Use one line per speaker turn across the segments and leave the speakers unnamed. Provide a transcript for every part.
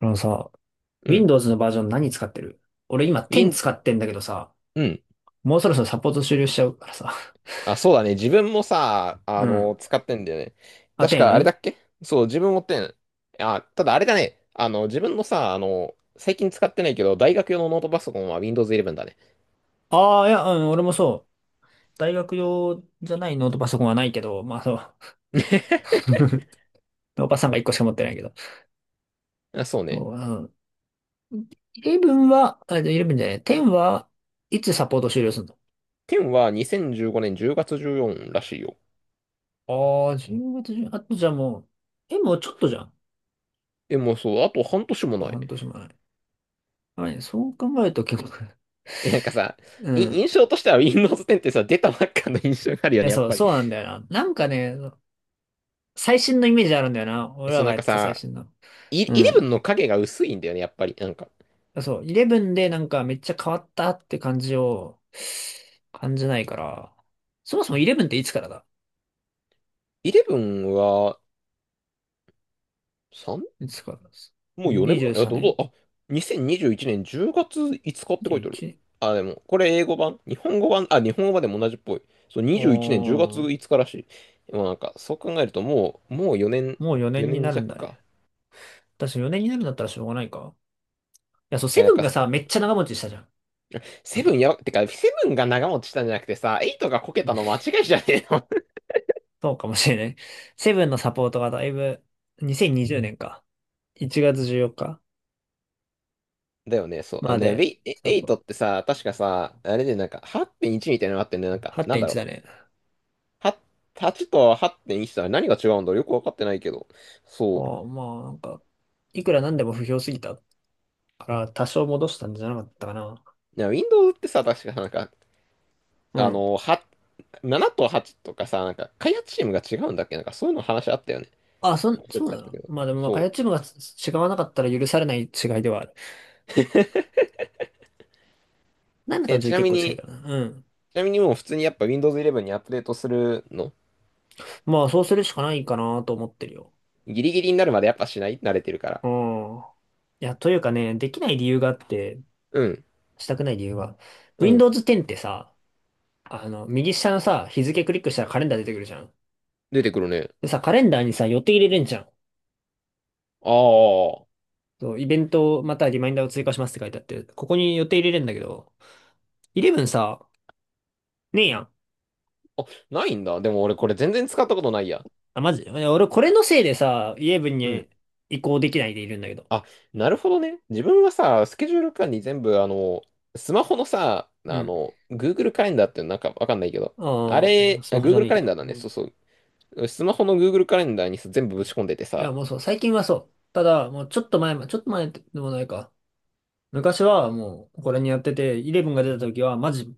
あのさ、
うん。
Windows のバージョン何使ってる？俺今10
Win、
使ってんだけどさ、
うん。
もうそろそろサポート終了しちゃうからさ。
あ、そうだね。自分もさ、
うん。
使ってんだよね。
あ、
確かあれだ
10?
っけ？そう、自分持ってん。あ、ただあれだね。自分のさ、最近使ってないけど、大学用のノートパソコンは Windows 11だね。
ああー、いや、うん、俺もそう。大学用じゃないノートパソコンはないけど、まあそう。ノーパソコンが1個しか持ってないけど。
あ、そうね。
そう、うん。11は、あ、じゃあ11じゃない。10はいつサポート終了するの？
10は2015年10月14らしいよ。
ああー、10月中、あとじゃあもう、え、もうちょっとじゃん。あ
え、もうそう、あと半年も
と
ない。
半年前。はい、そう考えると結構、
え、なんかさ、
うん。
印
い
象としては Windows 10ってさ、出たばっかの印象があるよ
や、
ね、やっ
そう、
ぱり。
そうなんだよな。なんかね、最新のイメージあるんだよな。
え、
俺
そ
ら
う、
が
なん
やっ
か
てた最
さ、
新の。うん。
11の影が薄いんだよね、やっぱり。なんか、
そう、11でなんかめっちゃ変わったって感じを感じないから、そもそも11っていつからだ？
11は、
いつからです？
もう4年
23
前、あ、どうぞ、
年
あ、2021年10月5日って書いてある。
?21?
あ、でも、これ英語版、日本語版、あ、日本語版でも同じっぽい。そう、21年10
お
月
ー、
5日らしい。でもなんか、そう考えるともう4年、
もう4年に
4
なるん
年
だ
弱
ね。
か。
私4年になるんだったらしょうがないか。いや、そう、
え、
セ
なん
ブン
か、
がさ、めっちゃ長持ちしたじゃん。あ
セブン
と、
やば、てか、セブンが長持ちしたんじゃなくてさ、エイトがこけ
う
た
ん、
の間違いじゃねえの？
そうかもしれない。セブンのサポートがだいぶ、2020年か。1月14日
だよね、そう。あ
ま
ね、
で、
エイ
サ
エイ
ポー
トっ
ト
てさ、確かさ、あれでなんか、8.1みたいなのがあってね、なんか、なんだ
8.1だ
ろ
ね。
う。は8と8.1とは何が違うんだろう、よくわかってないけど。そう。
ああ、まあ、なんか、いくらなんでも不評すぎたから、多少戻したんじゃなかったかな。
いや、Windows ってさ、確かなんか、
う
あ
ん。
の、は、7と8とかさ、なんか、開発チームが違うんだっけ？なんか、そういうの話あったよね。
あ、そん、
忘
そ
れ
う
ちゃ
な
った
の？
けど。
まあでも、まあ、開
そ
発チームが違わなかったら許されない違いではある。7
う。
と
え、
1
ちな
結
み
構近いか
に、
らな。うん。
ちなみにもう普通にやっぱ Windows 11にアップデートするの？
まあ、そうするしかないかなと思ってるよ。
ギリギリになるまでやっぱしない、慣れてるから。
うん。いや、というかね、できない理由があって、
うん。
したくない理由は、
うん。
Windows 10ってさ、あの、右下のさ、日付クリックしたらカレンダー出てくるじゃん。
出てくるね。
でさ、カレンダーにさ、予定入れれんじゃん。
あ
そう、イベントまたはリマインダーを追加しますって書いてあって、ここに予定入れれんだけど、イレブンさ、ねえやん。
あ。あ、ないんだ。でも俺これ全然使ったことないや。
あ、マジ俺これ
あ、
のせいでさ、イレブン
うん。
に移行できないでいるんだけど。
あ、なるほどね。自分はさ、スケジュール管理全部、スマホのさ、
うん。
Google カレンダーってなんかわかんないけど、あ
ああ、
れ、
ス
あ
マホじゃ
Google
ねえ
カ
け
レンダ
ど。
ー
う
だね。そ
ん。
うそう。スマホの Google カレンダーにさ全部ぶち込んでて
いや、
さ、
もうそう、最近はそう。ただ、もうちょっと前ま、ちょっと前でもないか。昔はもう、これにやってて、イレブンが出た時は、マジ、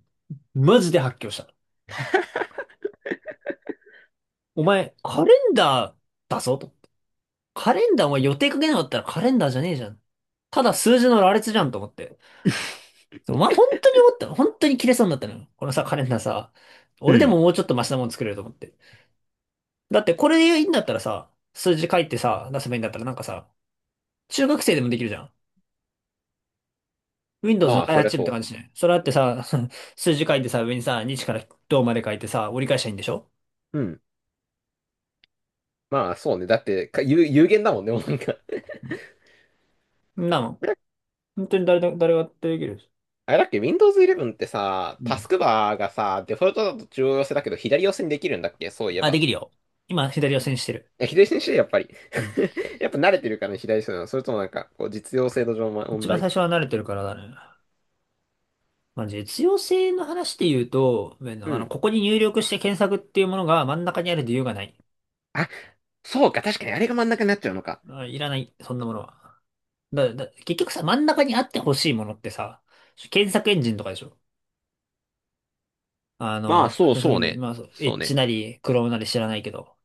マジで発狂した。お前、カレンダーだぞと。カレンダーお前予定かけなかったらカレンダーじゃねえじゃん。ただ数字の羅列じゃんと思って。そう、まあ、本当に思った。本当に切れそうになったのよ。このさ、カレンダーさ、
う
俺で
ん。
ももうちょっとマシなもの作れると思って。だってこれでいいんだったらさ、数字書いてさ、出せばいいんだったらなんかさ、中学生でもできるじゃん。Windows の
まあ、
開
そり
発
ゃ
チームって
そ
感じしない？それだってさ、数字書いてさ、上にさ、日からどうまで書いてさ、折り返したらいいんでしょ？
う。うん。まあ、そうね。だって、有限だもんね、もうなんか。
うんなの。本当に誰だ、誰ができる？
あれだっけ、Windows 11ってさ、
う
タ
ん。
スクバーがさ、デフォルトだと中央寄せだけど、左寄せにできるんだっけ？そういえ
あ、で
ば。
きるよ。今、左を線してる。
え、左にしてやっぱり？
うん。
やっぱ慣れてるからね、左寄せなの。それともなんか、こう、実用性の上の問
一番
題？
最初は慣れてるからだね。まあ、実用性の話で言うと、まあ
う
の
ん。
ここに入力して検索っていうものが真ん中にある理由がない。
あ、そうか、確かにあれが真ん中になっちゃうのか。
あ、いらない、そんなものは。結局さ、真ん中にあってほしいものってさ、検索エンジンとかでしょ。あ
まあ、
の、
そう
検索
そ
エ
う
ンジン、
ね。
まあ、そう、エ
そ
ッ
う
ジ
ね。
なり、クロームなり知らないけど、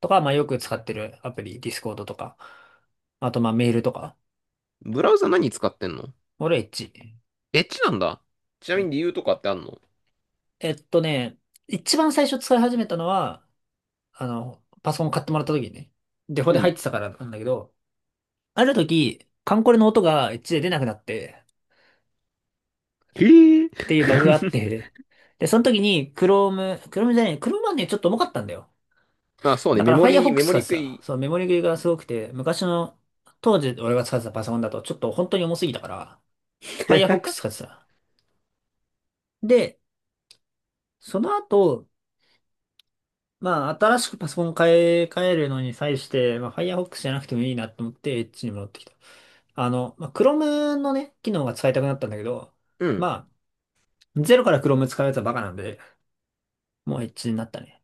とか、まあ、よく使ってるアプリ、ディスコードとか、あと、まあ、メールとか。
ブラウザ何使ってんの？
俺、エッジ。
エッジなんだ。ちな
は
みに
い。
理由とかってあんの？
えっとね、一番最初使い始めたのは、あの、パソコン買ってもらった時にね、デフォ
う
で入っ
ん。
てたからなんだけど、ある時、カンコレの音がエッチで出なくなって、
へえ。
っていうバグがあって、で、その時に Chrome、Chrome じゃない、Chrome はね、ちょっと重かったんだよ。
まあ、そうね。
だか
メ
ら
モリ
Firefox
メモ
使
リ
って
食
た。
い。
そう、メモリ切れがすごくて、昔の、当時俺が使ってたパソコンだとちょっと本当に重すぎたから、Firefox 使ってた。で、その後、まあ、新しくパソコン買い替えるのに際して、まあ、Firefox じゃなくてもいいなと思って、エッチに戻ってきた。あの、まあ、Chrome のね、機能が使いたくなったんだけど、
うん。
まあ、ゼロから Chrome 使うやつはバカなんで、もうエッジになったね。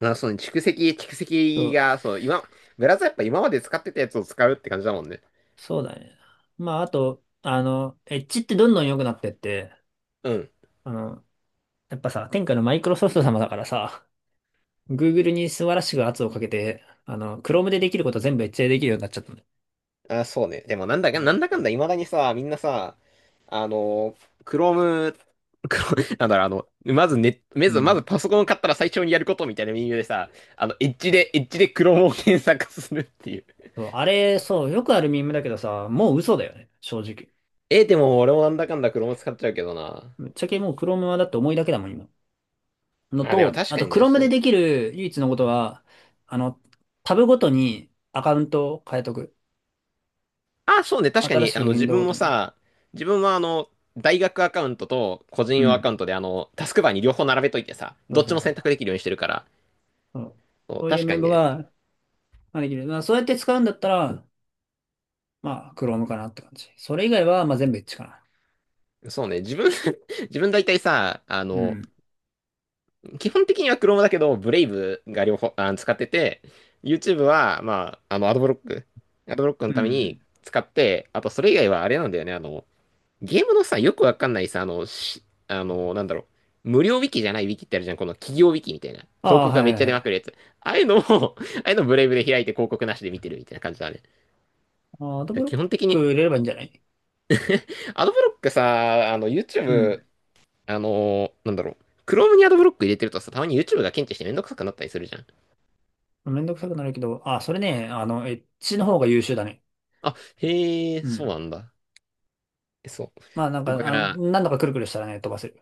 まあ、そうね。蓄積、蓄
そ
積
う、
が、そう、今、ブラウザやっぱ今まで使ってたやつを使うって感じだもんね。
そうだね。まあ、あと、あの、エッジってどんどん良くなってって、
うん。
あの、やっぱさ、天下のマイクロソフト様だからさ、Google に素晴らしく圧をかけて、あの、Chrome でできること全部エッジでできるようになっちゃったね。
あ、そうね。でもなんだかんだ未だにさ、みんなさ、あの、Chrome、Chrome なんだろう、まずね、ま
う
ず、まず
ん。
パソコンを買ったら最初にやることみたいな理由でさ、エッジで Chrome を検索するっていう。
そう、あれ、そう、よくあるミームだけどさ、もう嘘だよね、正直。
え、でも俺もなんだかんだ Chrome 使っちゃうけどな。
ぶっちゃけもう Chrome はだって重いだけだもん、今。の
まあ、でも
と、
確
あ
か
と
にね、
Chrome
そ
で
う。
できる唯一のことは、あの、タブごとにアカウントを変えとく。
あ、そうね、確か
新
に、
しくウィンドウごとに。
自分は大学アカウントと個人
う
用ア
ん。
カウントで、タスクバーに両方並べといてさ、
そう
どっ
そ
ち
う
も
そ
選択
う。
できるようにしてるから、
そう、
そう、
そういう
確
メ
かに
モ
ね、
が、まあ、できる。まあ、そうやって使うんだったら、まあ、Chrome かなって感じ。それ以外は、まあ、全部エッチかな。
そうね、自分 自分大体さ、
うん。
基本的には Chrome だけど、ブレイブが両方、あ、使ってて、YouTube は、まあ、アドブロック
う
のために
ん。
使って、あと、それ以外はあれなんだよね、ゲームのさ、よくわかんないさ、あの、し、あの、なんだろう、無料ウィキじゃないウィキってあるじゃん、この企業ウィキみたいな。
あ
広
あ、
告
は
がめっ
いは
ち
い
ゃ
は
出まくる
い。
やつ。ああいうのを ああいうのブレイブで開いて広告なしで見てるみたいな感じだね。だか
あ、アド
ら
ブロッ
基本的
ク
に、
入れればいいんじゃない？
アドブロックさ、
うん。
YouTube あのなんだろう。Chrome にアドブロック入れてるとさ、たまに YouTube が検知してめんどくさくなったりするじゃん。
めんどくさくなるけど、あ、それね、あの、エッ g の方が優秀だね。
あ、へえ、
う
そう
ん。
なんだ。え、そ
まあ、なんか、
う。だか
あ、
ら、
何度かくるくるしたらね、飛ばせる。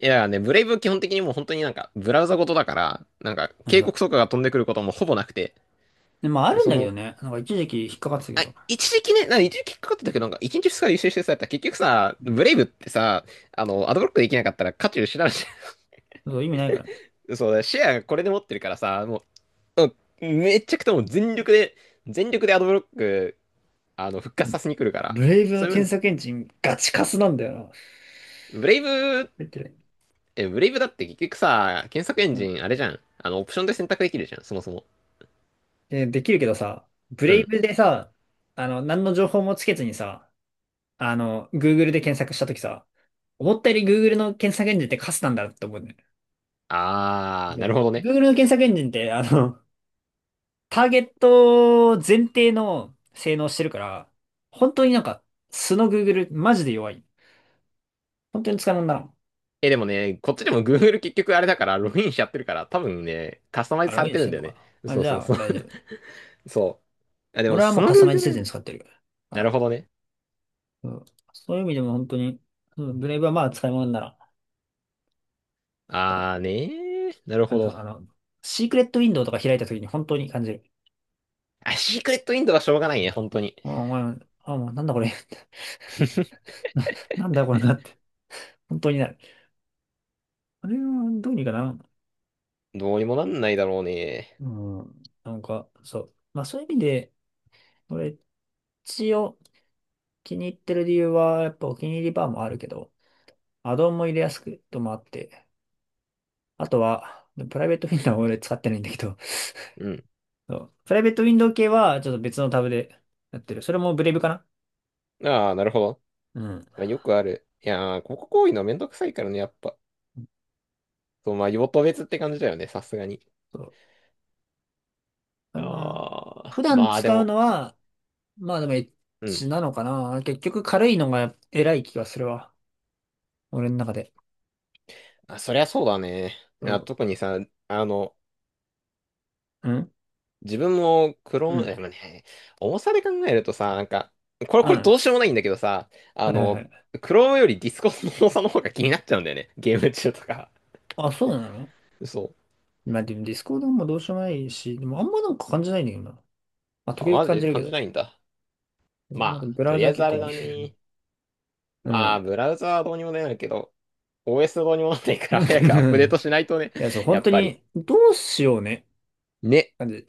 いやね、ブレイブ基本的にもう本当になんか、ブラウザごとだから、なんか、警
そう。
告とかが飛んでくることもほぼなくて、
で、まあ、あるん
そ
だけ
の、
どね。なんか、一時期引っかかってたけ
あ、
ど。
一時期ね、なんか一時期かかってたけど、なんか一日二日で優秀してさ、たら結局さ、
うん、
ブレイブってさ、アドブロックできなかったら価値失うじ
そう、意味ないからね。
ゃん。そうだ、シェアがこれで持ってるからさ、もう、めっちゃくちゃもう全力でアドブロック、復活させに来るから、
ブレイブ
そ
の
ういう
検
面
索エンジンガチカスなんだよな。
ブレイブ、
入ってない？
え、ブレイブだって結局さ、検索エンジンあれじゃん。オプションで選択できるじゃん、そもそも。
えー、できるけどさ、ブ
う
レイ
ん。
ブでさ、あの、何の情報もつけずにさ、あの、Google で検索したときさ、思ったより Google の検索エンジンってカスなんだって思うね。
あー、
そ
なる
う。
ほどね。
Google の検索エンジンって、あの、ターゲット前提の性能してるから、本当になんか、素の Google、マジで弱い。本当に使わんだな。
え、でもね、こっちでも Google 結局あれだから、ログインしちゃってるから、多分ね、カスタマイ
あ、
ズ
ロ
さ
グ
れ
イン
て
し
る
て
ん
ん
だ
の
よ
か
ね。
な。あ、
そう
じ
そう
ゃあ、
そう。
大丈夫。
そう。あ、でも、
俺は
そ
もう
の
カスタマイズ
Google
せ
エ
ず
ン
に
ジ
使
ン。
ってるか
なる
ら。
ほどね。
うん。そういう意味でも本当に、うん、ブレイブはまあ使い物になら
あー
ん。
ねー。なる
あ
ほ
の、
ど。
あのシークレットウィンドウとか開いた時に本当に感じる。
あ、シークレットインドはしょうがないね、本当に。
あ、お前、あ、もうなんだこれ。な、なんだこれなって。本当になる。あれはどうにかな。
どうにもなんないだろうね。
うん。なんか、そう。まあそういう意味で、俺、一応気に入ってる理由は、やっぱお気に入りバーもあるけど、アドオンも入れやすくともあって、あとは、プライベートウィンドウは俺使ってないんだけど、
うん。
そう、プライベートウィンドウ系はちょっと別のタブでやってる。それもブレイブかな？
あー、なるほど。
うん。
まあ、よくある。いやー、ここ行為のめんどくさいからね、やっぱ。そう、まあ、用途別って感じだよね、さすがに。
そう。あ、まあ、
あ
普
あ、
段
まあで
使う
も、
のは、まあでもエッ
うん。
チなのかな。結局軽いのが偉い気がするわ。俺の中で。
あ、そりゃそうだね。いや
そ
特にさ、あの、
う、ん。
自分もク
うん
ロー
う
ン、
ん。
でもね、重さで考えるとさ、なんか、これ、
う
これ
ん、
どうしようもないんだけどさ、
はいはいはい。
クロームよりディスコの重さの方が気になっちゃうんだよね。ゲーム中とか。
あ、そうなの？
そう。
まあでもディスコードもどうしようもないし、でもあんまなんか感じないんだよな。まあ時
あ、
々
マジ
感
で
じるけ
感じ
ど。
ないんだ。
まあで
ま
も
あ、
ブ
と
ラウ
りあ
ザ
えず
結
あ
構
れ
もい
だ
い。
ね。
う
まあ、
ん。
ブラウザはどうにもなるけど、OS どうにもならないから早くアップデートしないとね、
いや、そう、
や
本
っ
当
ぱり。
に、どうしようね。
ね。
感じ。